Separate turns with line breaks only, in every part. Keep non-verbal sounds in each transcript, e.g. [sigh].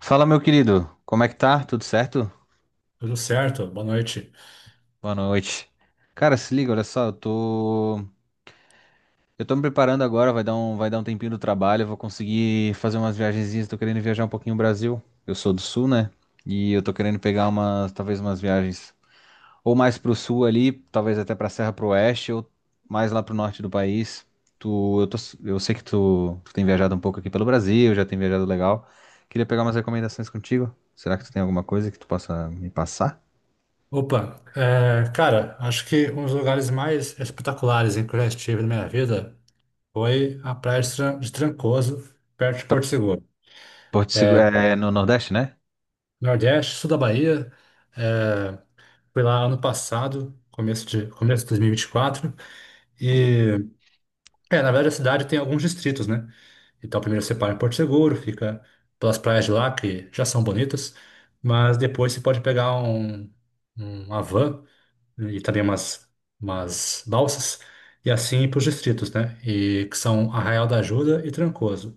Fala, meu querido. Como é que tá? Tudo certo?
Tudo certo, boa noite.
Boa noite. Cara, se liga, olha só, eu tô me preparando agora, vai dar um tempinho do trabalho, eu vou conseguir fazer umas viagenzinhas, tô querendo viajar um pouquinho o Brasil. Eu sou do sul, né? E eu tô querendo pegar umas, talvez umas viagens ou mais pro sul ali, talvez até pra Serra pro Oeste ou mais lá pro norte do país. Tu, eu tô, eu sei que tu tem viajado um pouco aqui pelo Brasil, já tem viajado legal. Queria pegar umas recomendações contigo. Será que tu tem alguma coisa que tu possa me passar?
Opa, cara, acho que um dos lugares mais espetaculares em que eu já estive na minha vida foi a Praia de Trancoso, perto de Porto Seguro.
Porto Seguro, é no Nordeste, né?
Nordeste, sul da Bahia. é, Fui lá ano passado, começo de 2024. E, vinte e quatro. E, na verdade, a cidade tem alguns distritos, né? Então, primeiro você para em Porto Seguro, fica pelas praias de lá, que já são bonitas, mas depois você pode pegar uma van, né? E também umas balsas, e assim para os distritos, né? E que são Arraial da Ajuda e Trancoso.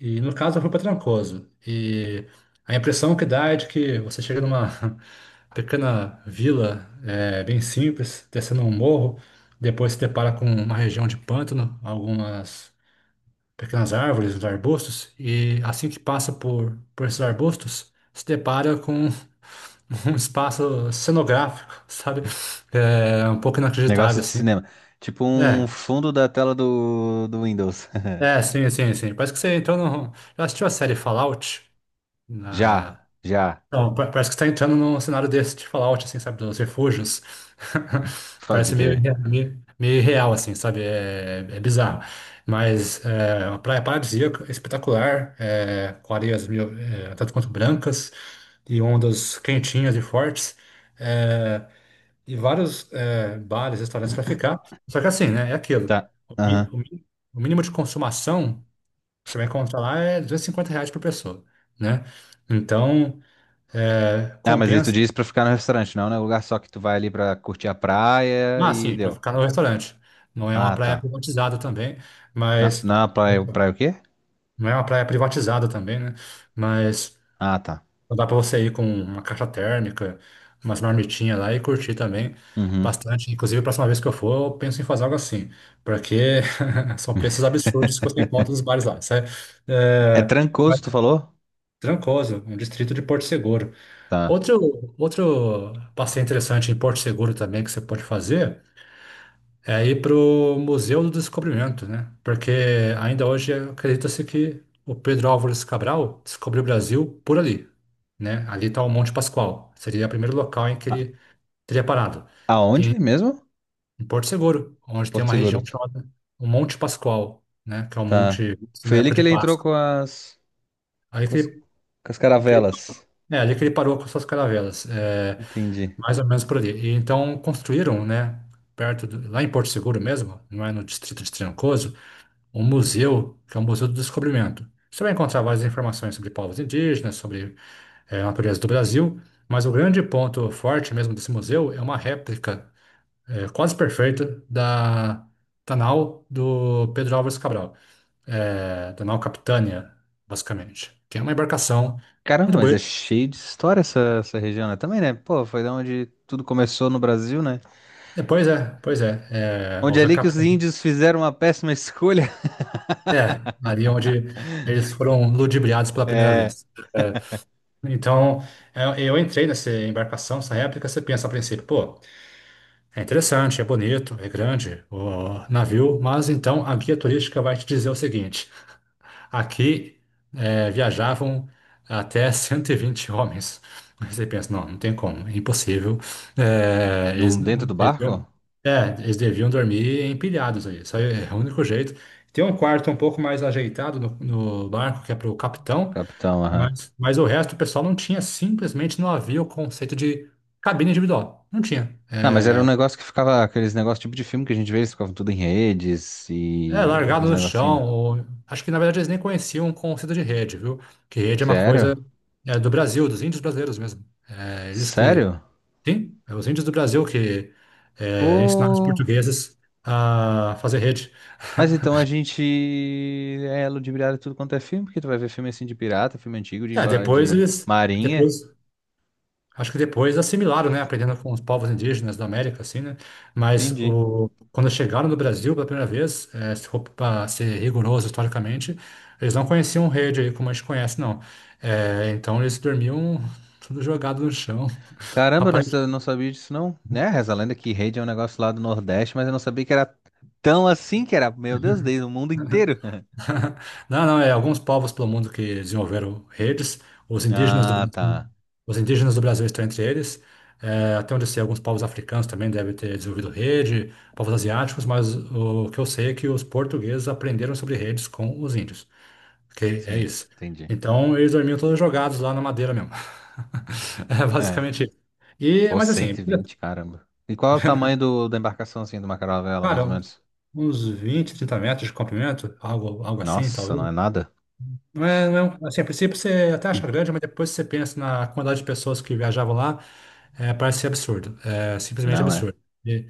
E no caso eu fui para Trancoso. E a impressão que dá é de que você chega numa [laughs] pequena vila, é bem simples, descendo um morro, depois se depara com uma região de pântano, algumas pequenas árvores, uns arbustos, e assim que passa por esses arbustos, se depara com um espaço cenográfico, [laughs] sabe? É um pouco
Negócio
inacreditável,
de
assim.
cinema. Tipo um
É,
fundo da tela do Windows. [laughs]
é, sim, sim, sim. Parece que você entrou no. Já assistiu a série Fallout?
Já,
Na...
já.
Não, pa- Parece que você tá entrando num cenário desse de Fallout, assim, sabe? Dos refúgios. [laughs]
Pode
Parece
crer.
meio irreal, assim, sabe? É, é bizarro. Mas é uma praia paradisíaca, espetacular, é, com areias meio, é, tanto quanto brancas, e ondas quentinhas e fortes. É, e vários, é, bares, restaurantes para ficar. Só que assim, né? É aquilo.
Tá.
O, mi-
Aham.
o mi- o mínimo de consumação que você vai encontrar lá é R$ 250 reais por pessoa, né? Então, é,
Ah, mas aí tu
compensa.
disse pra ficar no restaurante, não, né? O lugar só que tu vai ali pra curtir a praia
Ah,
e
sim, para
deu.
ficar no restaurante. Não é uma
Ah,
praia
tá.
privatizada também,
Na,
mas.
na
é,
praia, praia o quê?
Não é uma praia privatizada também, né? Mas
Ah, tá.
então dá para você ir com uma caixa térmica, umas marmitinhas lá e curtir também
Uhum.
bastante. Inclusive, a próxima vez que eu for, eu penso em fazer algo assim, porque [laughs] são preços absurdos que você encontra nos bares lá, sabe?
É
É, mas
Trancoso, tu falou?
Trancoso é um distrito de Porto Seguro.
Tá.
Outro passeio interessante em Porto Seguro também que você pode fazer é ir para o Museu do Descobrimento, né? Porque ainda hoje acredita-se que o Pedro Álvares Cabral descobriu o Brasil por ali, né? Ali está o Monte Pascoal, seria o primeiro local em que
A-
ele teria parado.
Aonde mesmo?
Em Porto Seguro, onde tem
Porto
uma
Seguro.
região chamada o Monte Pascoal, né? Que é um
Tá.
monte visto
Foi
na
ele
época
que
de
ele entrou
Páscoa. Aí
com as
que ele-
caravelas.
É, ali que ele parou com suas caravelas, é,
Entendi.
mais ou menos por ali. E então construíram, né? Perto do, lá em Porto Seguro mesmo, não é no distrito de Trancoso, um museu, que é o Museu do Descobrimento. Você vai encontrar várias informações sobre povos indígenas, sobre a natureza do Brasil, mas o grande ponto forte mesmo desse museu é uma réplica, quase perfeita da nau do Pedro Álvares Cabral, da nau Capitânia, basicamente, que é uma embarcação
Caramba,
muito
mas é
bonita.
cheio de história essa, essa região, né? Também, né? Pô, foi da onde tudo começou no Brasil, né?
É, pois é, pois é, é
Onde é
houve a
ali que os
capitania,
índios fizeram uma péssima escolha. [laughs]
é, ali onde eles foram ludibriados pela primeira
É.
vez. É, então, eu entrei nessa embarcação, nessa réplica. Você pensa a princípio: pô, é interessante, é bonito, é grande o navio. Mas então a guia turística vai te dizer o seguinte: aqui viajavam até [laughs] 120 homens. Aí você pensa: não, não tem como, é impossível. Eh, eles
Num, dentro do barco?
deviam, é, eles deviam dormir empilhados aí, só é o único jeito. Tem um quarto um pouco mais ajeitado no barco, que é para o capitão,
Capitão, aham.
mas o resto do pessoal não tinha, simplesmente não havia o conceito de cabine individual. Não tinha.
Ah, mas era um negócio que ficava, aqueles negócios tipo de filme que a gente vê, eles ficavam tudo em redes
É
e era
largado
os
no
negocinhos,
chão.
né?
Ou- Acho que na verdade eles nem conheciam o conceito de rede, viu? Que rede é uma coisa,
Sério?
é, do Brasil, dos índios brasileiros mesmo. É, eles que.
Sério?
Sim, é os índios do Brasil que, é, ensinaram os
Pô.
portugueses a fazer rede.
Mas então
[laughs]
a gente é ludibriado em tudo quanto é filme, porque tu vai ver filme assim de pirata, filme antigo, de,
É, depois
de
eles.
marinha.
Depois. Acho que depois assimilaram, né? Aprendendo com os povos indígenas da América, assim, né? Mas
Entendi.
o, quando chegaram no Brasil pela primeira vez, se for para ser rigoroso historicamente, eles não conheciam rede aí como a gente conhece, não. Então eles dormiam tudo jogado no chão.
Caramba, eu não,
[laughs]
não sabia disso não. Né? Reza a lenda que rede é um negócio lá do Nordeste, mas eu não sabia que era tão assim que era. Meu Deus, desde o mundo inteiro. [laughs]
[laughs] Não, não, é alguns povos pelo mundo que desenvolveram redes. Os indígenas do
Ah,
Brasil,
tá.
os indígenas do Brasil estão entre eles. É, até onde eu sei, alguns povos africanos também devem ter desenvolvido rede, povos asiáticos, mas o que eu sei é que os portugueses aprenderam sobre redes com os índios. Ok? É
Sim,
isso.
entendi.
Então, eles dormiam todos jogados lá na madeira mesmo. [laughs] É
É.
basicamente isso. E,
Pô,
mas assim,
120, caramba. E qual é o tamanho do, da embarcação assim, de uma caravela, mais ou
cara,
menos?
uns 20, 30 metros de comprimento, algo, algo assim,
Nossa, não
talvez.
é nada?
Não é, não é um- assim, a princípio você até acha grande, mas depois você pensa na quantidade de pessoas que viajavam lá, é, parece ser absurdo. É simplesmente
Não é.
absurdo. E,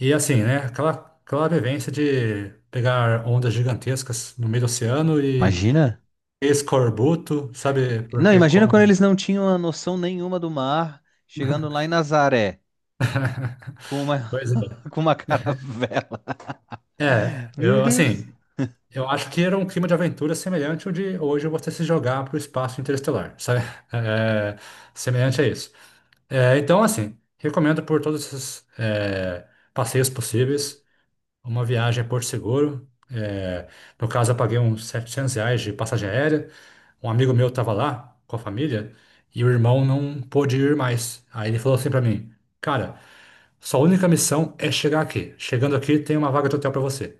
e assim, né? Aquela vivência de pegar ondas gigantescas no meio do oceano e
Imagina.
escorbuto, sabe?
Não,
Porque
imagina quando
come.
eles não tinham a noção nenhuma do mar, chegando lá em Nazaré,
[laughs]
com uma,
Pois é.
[laughs] com uma caravela.
É,
Meu
eu
Deus.
assim, eu acho que era um clima de aventura semelhante ao de hoje você se jogar para o espaço interestelar, sabe? [laughs] É, semelhante a isso. É, então, assim, recomendo por todos esses, é, passeios possíveis, uma viagem a Porto Seguro. É, no caso, eu paguei uns R$ 700 de passagem aérea. Um amigo meu estava lá com a família e o irmão não pôde ir mais. Aí ele falou assim para mim: cara, sua única missão é chegar aqui. Chegando aqui, tem uma vaga de hotel para você.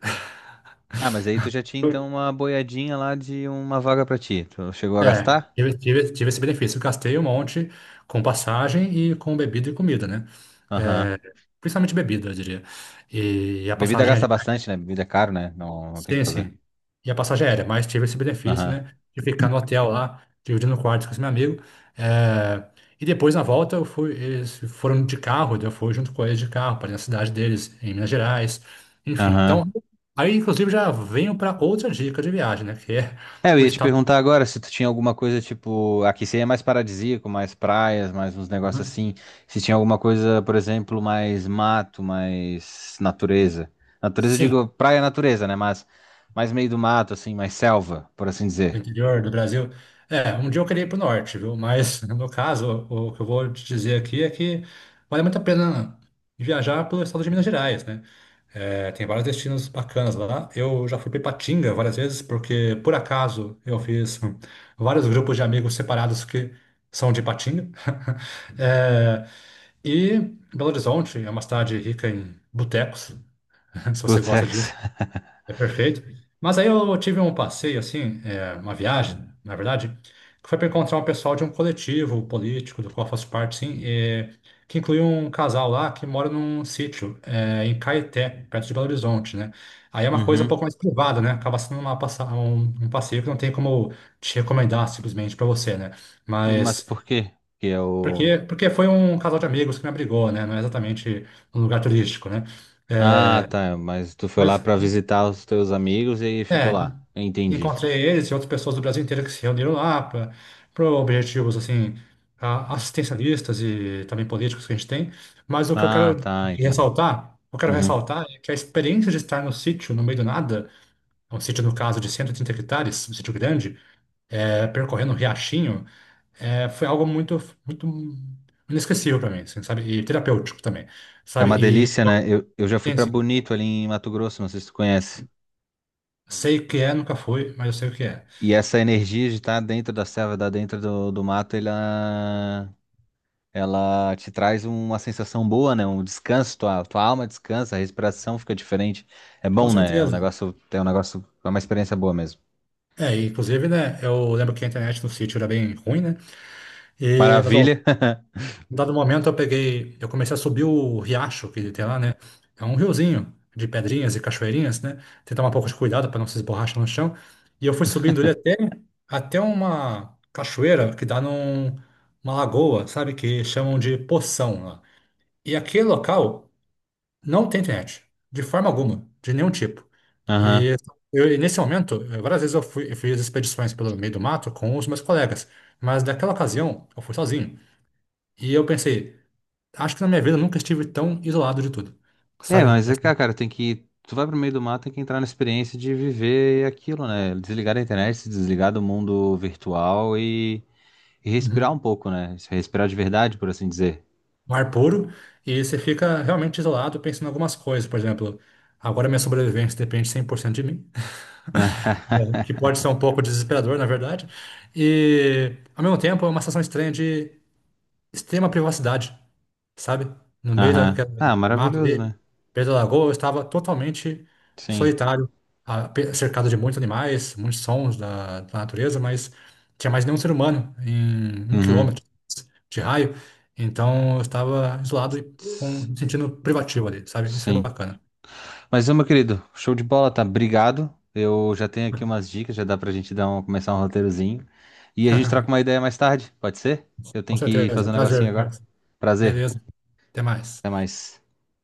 Ah, mas aí tu já tinha
[laughs]
então uma boiadinha lá de uma vaga pra ti. Tu chegou a
É,
gastar?
tive esse benefício. Eu gastei um monte com passagem e com bebida e comida, né?
Aham.
É, principalmente bebida, eu diria. E, a
Bebida
passagem.
gasta bastante, né? Bebida é caro, né? Não, não tem o que
Sim,
fazer.
sim. E a passagem é aérea, mas tive esse benefício,
Aham.
né? De ficar no hotel lá, dividindo quartos com esse meu amigo. É, e depois, na volta, eu fui, eles foram de carro, daí eu fui junto com eles de carro para a cidade deles, em Minas Gerais. Enfim, então.
Aham.
Aí, inclusive, já venho para outra dica de viagem, né? Que é
É, eu
o
ia te
estado,
perguntar agora se tu tinha alguma coisa tipo. Aqui seria mais paradisíaco, mais praias, mais uns negócios
né?
assim. Se tinha alguma coisa, por exemplo, mais mato, mais natureza. Natureza, eu digo
Sim,
praia é natureza, né? Mas mais meio do mato, assim, mais selva, por assim
do
dizer.
interior do Brasil. É, um dia eu queria ir para o norte, viu? Mas [laughs] no meu caso, o que eu vou te dizer aqui é que vale muito a pena viajar pelo estado de Minas Gerais, né? É, tem vários destinos bacanas lá. Eu já fui para Ipatinga várias vezes, porque por acaso eu fiz vários grupos de amigos separados que são de Ipatinga. [laughs] É, e Belo Horizonte é uma cidade rica em botecos, [laughs] se você gosta
Botex.
disso.
[laughs]
É perfeito. Mas aí eu tive um passeio, assim, é, uma viagem, na verdade, que foi para encontrar um pessoal de um coletivo político do qual eu faço parte, sim, que incluiu um casal lá que mora num sítio, é, em Caeté, perto de Belo Horizonte, né? Aí é uma coisa um
Uhum.
pouco mais privada, né? Acaba sendo uma, um passeio que não tem como te recomendar simplesmente para você, né?
Mas
Mas
por quê? Porque é o.
porque, porque foi um casal de amigos que me abrigou, né? Não é exatamente um lugar turístico, né?
Ah, tá. Mas tu foi lá
Mas.
pra visitar os teus amigos e aí ficou
É,
lá. Entendi.
encontrei eles e outras pessoas do Brasil inteiro que se reuniram lá para objetivos assim assistencialistas e também políticos que a gente tem. Mas o que
Ah, tá, entendi.
eu quero
Uhum.
ressaltar é que a experiência de estar no sítio, no meio do nada, um sítio no caso de 130 hectares, um sítio grande, é, percorrendo um riachinho, é, foi algo muito muito inesquecível para mim, assim, sabe? E terapêutico também,
É
sabe?
uma
E
delícia, né? Eu já fui
sim,
pra
sim,
Bonito ali em Mato Grosso, não sei se tu conhece.
sei o que é, nunca fui, mas eu sei o que é.
E essa energia de estar dentro da selva, da dentro do mato, ela te traz uma sensação boa, né? Um descanso, tua alma descansa, a respiração fica diferente. É
Com
bom, né?
certeza.
É uma experiência boa mesmo.
É, e, inclusive, né, eu lembro que a internet no sítio era bem ruim, né? E,
Maravilha. [laughs]
dado momento, eu peguei, eu comecei a subir o riacho que tem lá, né? É um riozinho de pedrinhas e cachoeirinhas, né? Tem que tomar um pouco de cuidado para não se esborrachar no chão. E eu fui subindo ele até, até uma cachoeira que dá numa lagoa, sabe? Que chamam de Poção lá. E aquele local. Não tem internet, de forma alguma, de nenhum tipo.
Aham.
E e nesse momento, várias vezes eu fui, eu fiz expedições pelo meio do mato com os meus colegas, mas naquela ocasião eu fui sozinho. E eu pensei, acho que na minha vida eu nunca estive tão isolado de tudo,
É,
sabe?
mas
É,
é que,
assim,
ah, cara, tem que. Tu vai pro meio do mato tem que entrar na experiência de viver aquilo, né? Desligar da internet, se desligar do mundo virtual e respirar um
uhum,
pouco, né? Se respirar de verdade, por assim dizer.
um ar puro, e você fica realmente isolado pensando em algumas coisas, por exemplo, agora minha sobrevivência depende 100% de mim, [laughs] né,
[laughs]
que pode ser um pouco desesperador, na verdade, e ao mesmo tempo é uma sensação estranha, extrema privacidade, sabe? No meio
Aham.
daquele
Ah,
mato
maravilhoso, né?
ali, perto da lagoa, eu estava totalmente
Sim.
solitário, cercado de muitos animais, muitos sons da natureza, mas tinha mais nenhum ser humano em um
Uhum.
quilômetro de raio, então eu estava isolado e com,
S-
me sentindo privativo ali, sabe? Isso é
Sim.
bacana.
Mas, ô, meu querido, show de bola, tá? Obrigado. Eu já tenho aqui umas dicas, já dá pra gente dar um, começar um roteirozinho. E a gente troca uma
[laughs]
ideia mais tarde, pode ser? Eu
Com
tenho que fazer
certeza.
um negocinho
Prazer,
agora.
Carlos.
Prazer,
Beleza. Até
até
mais.
mais.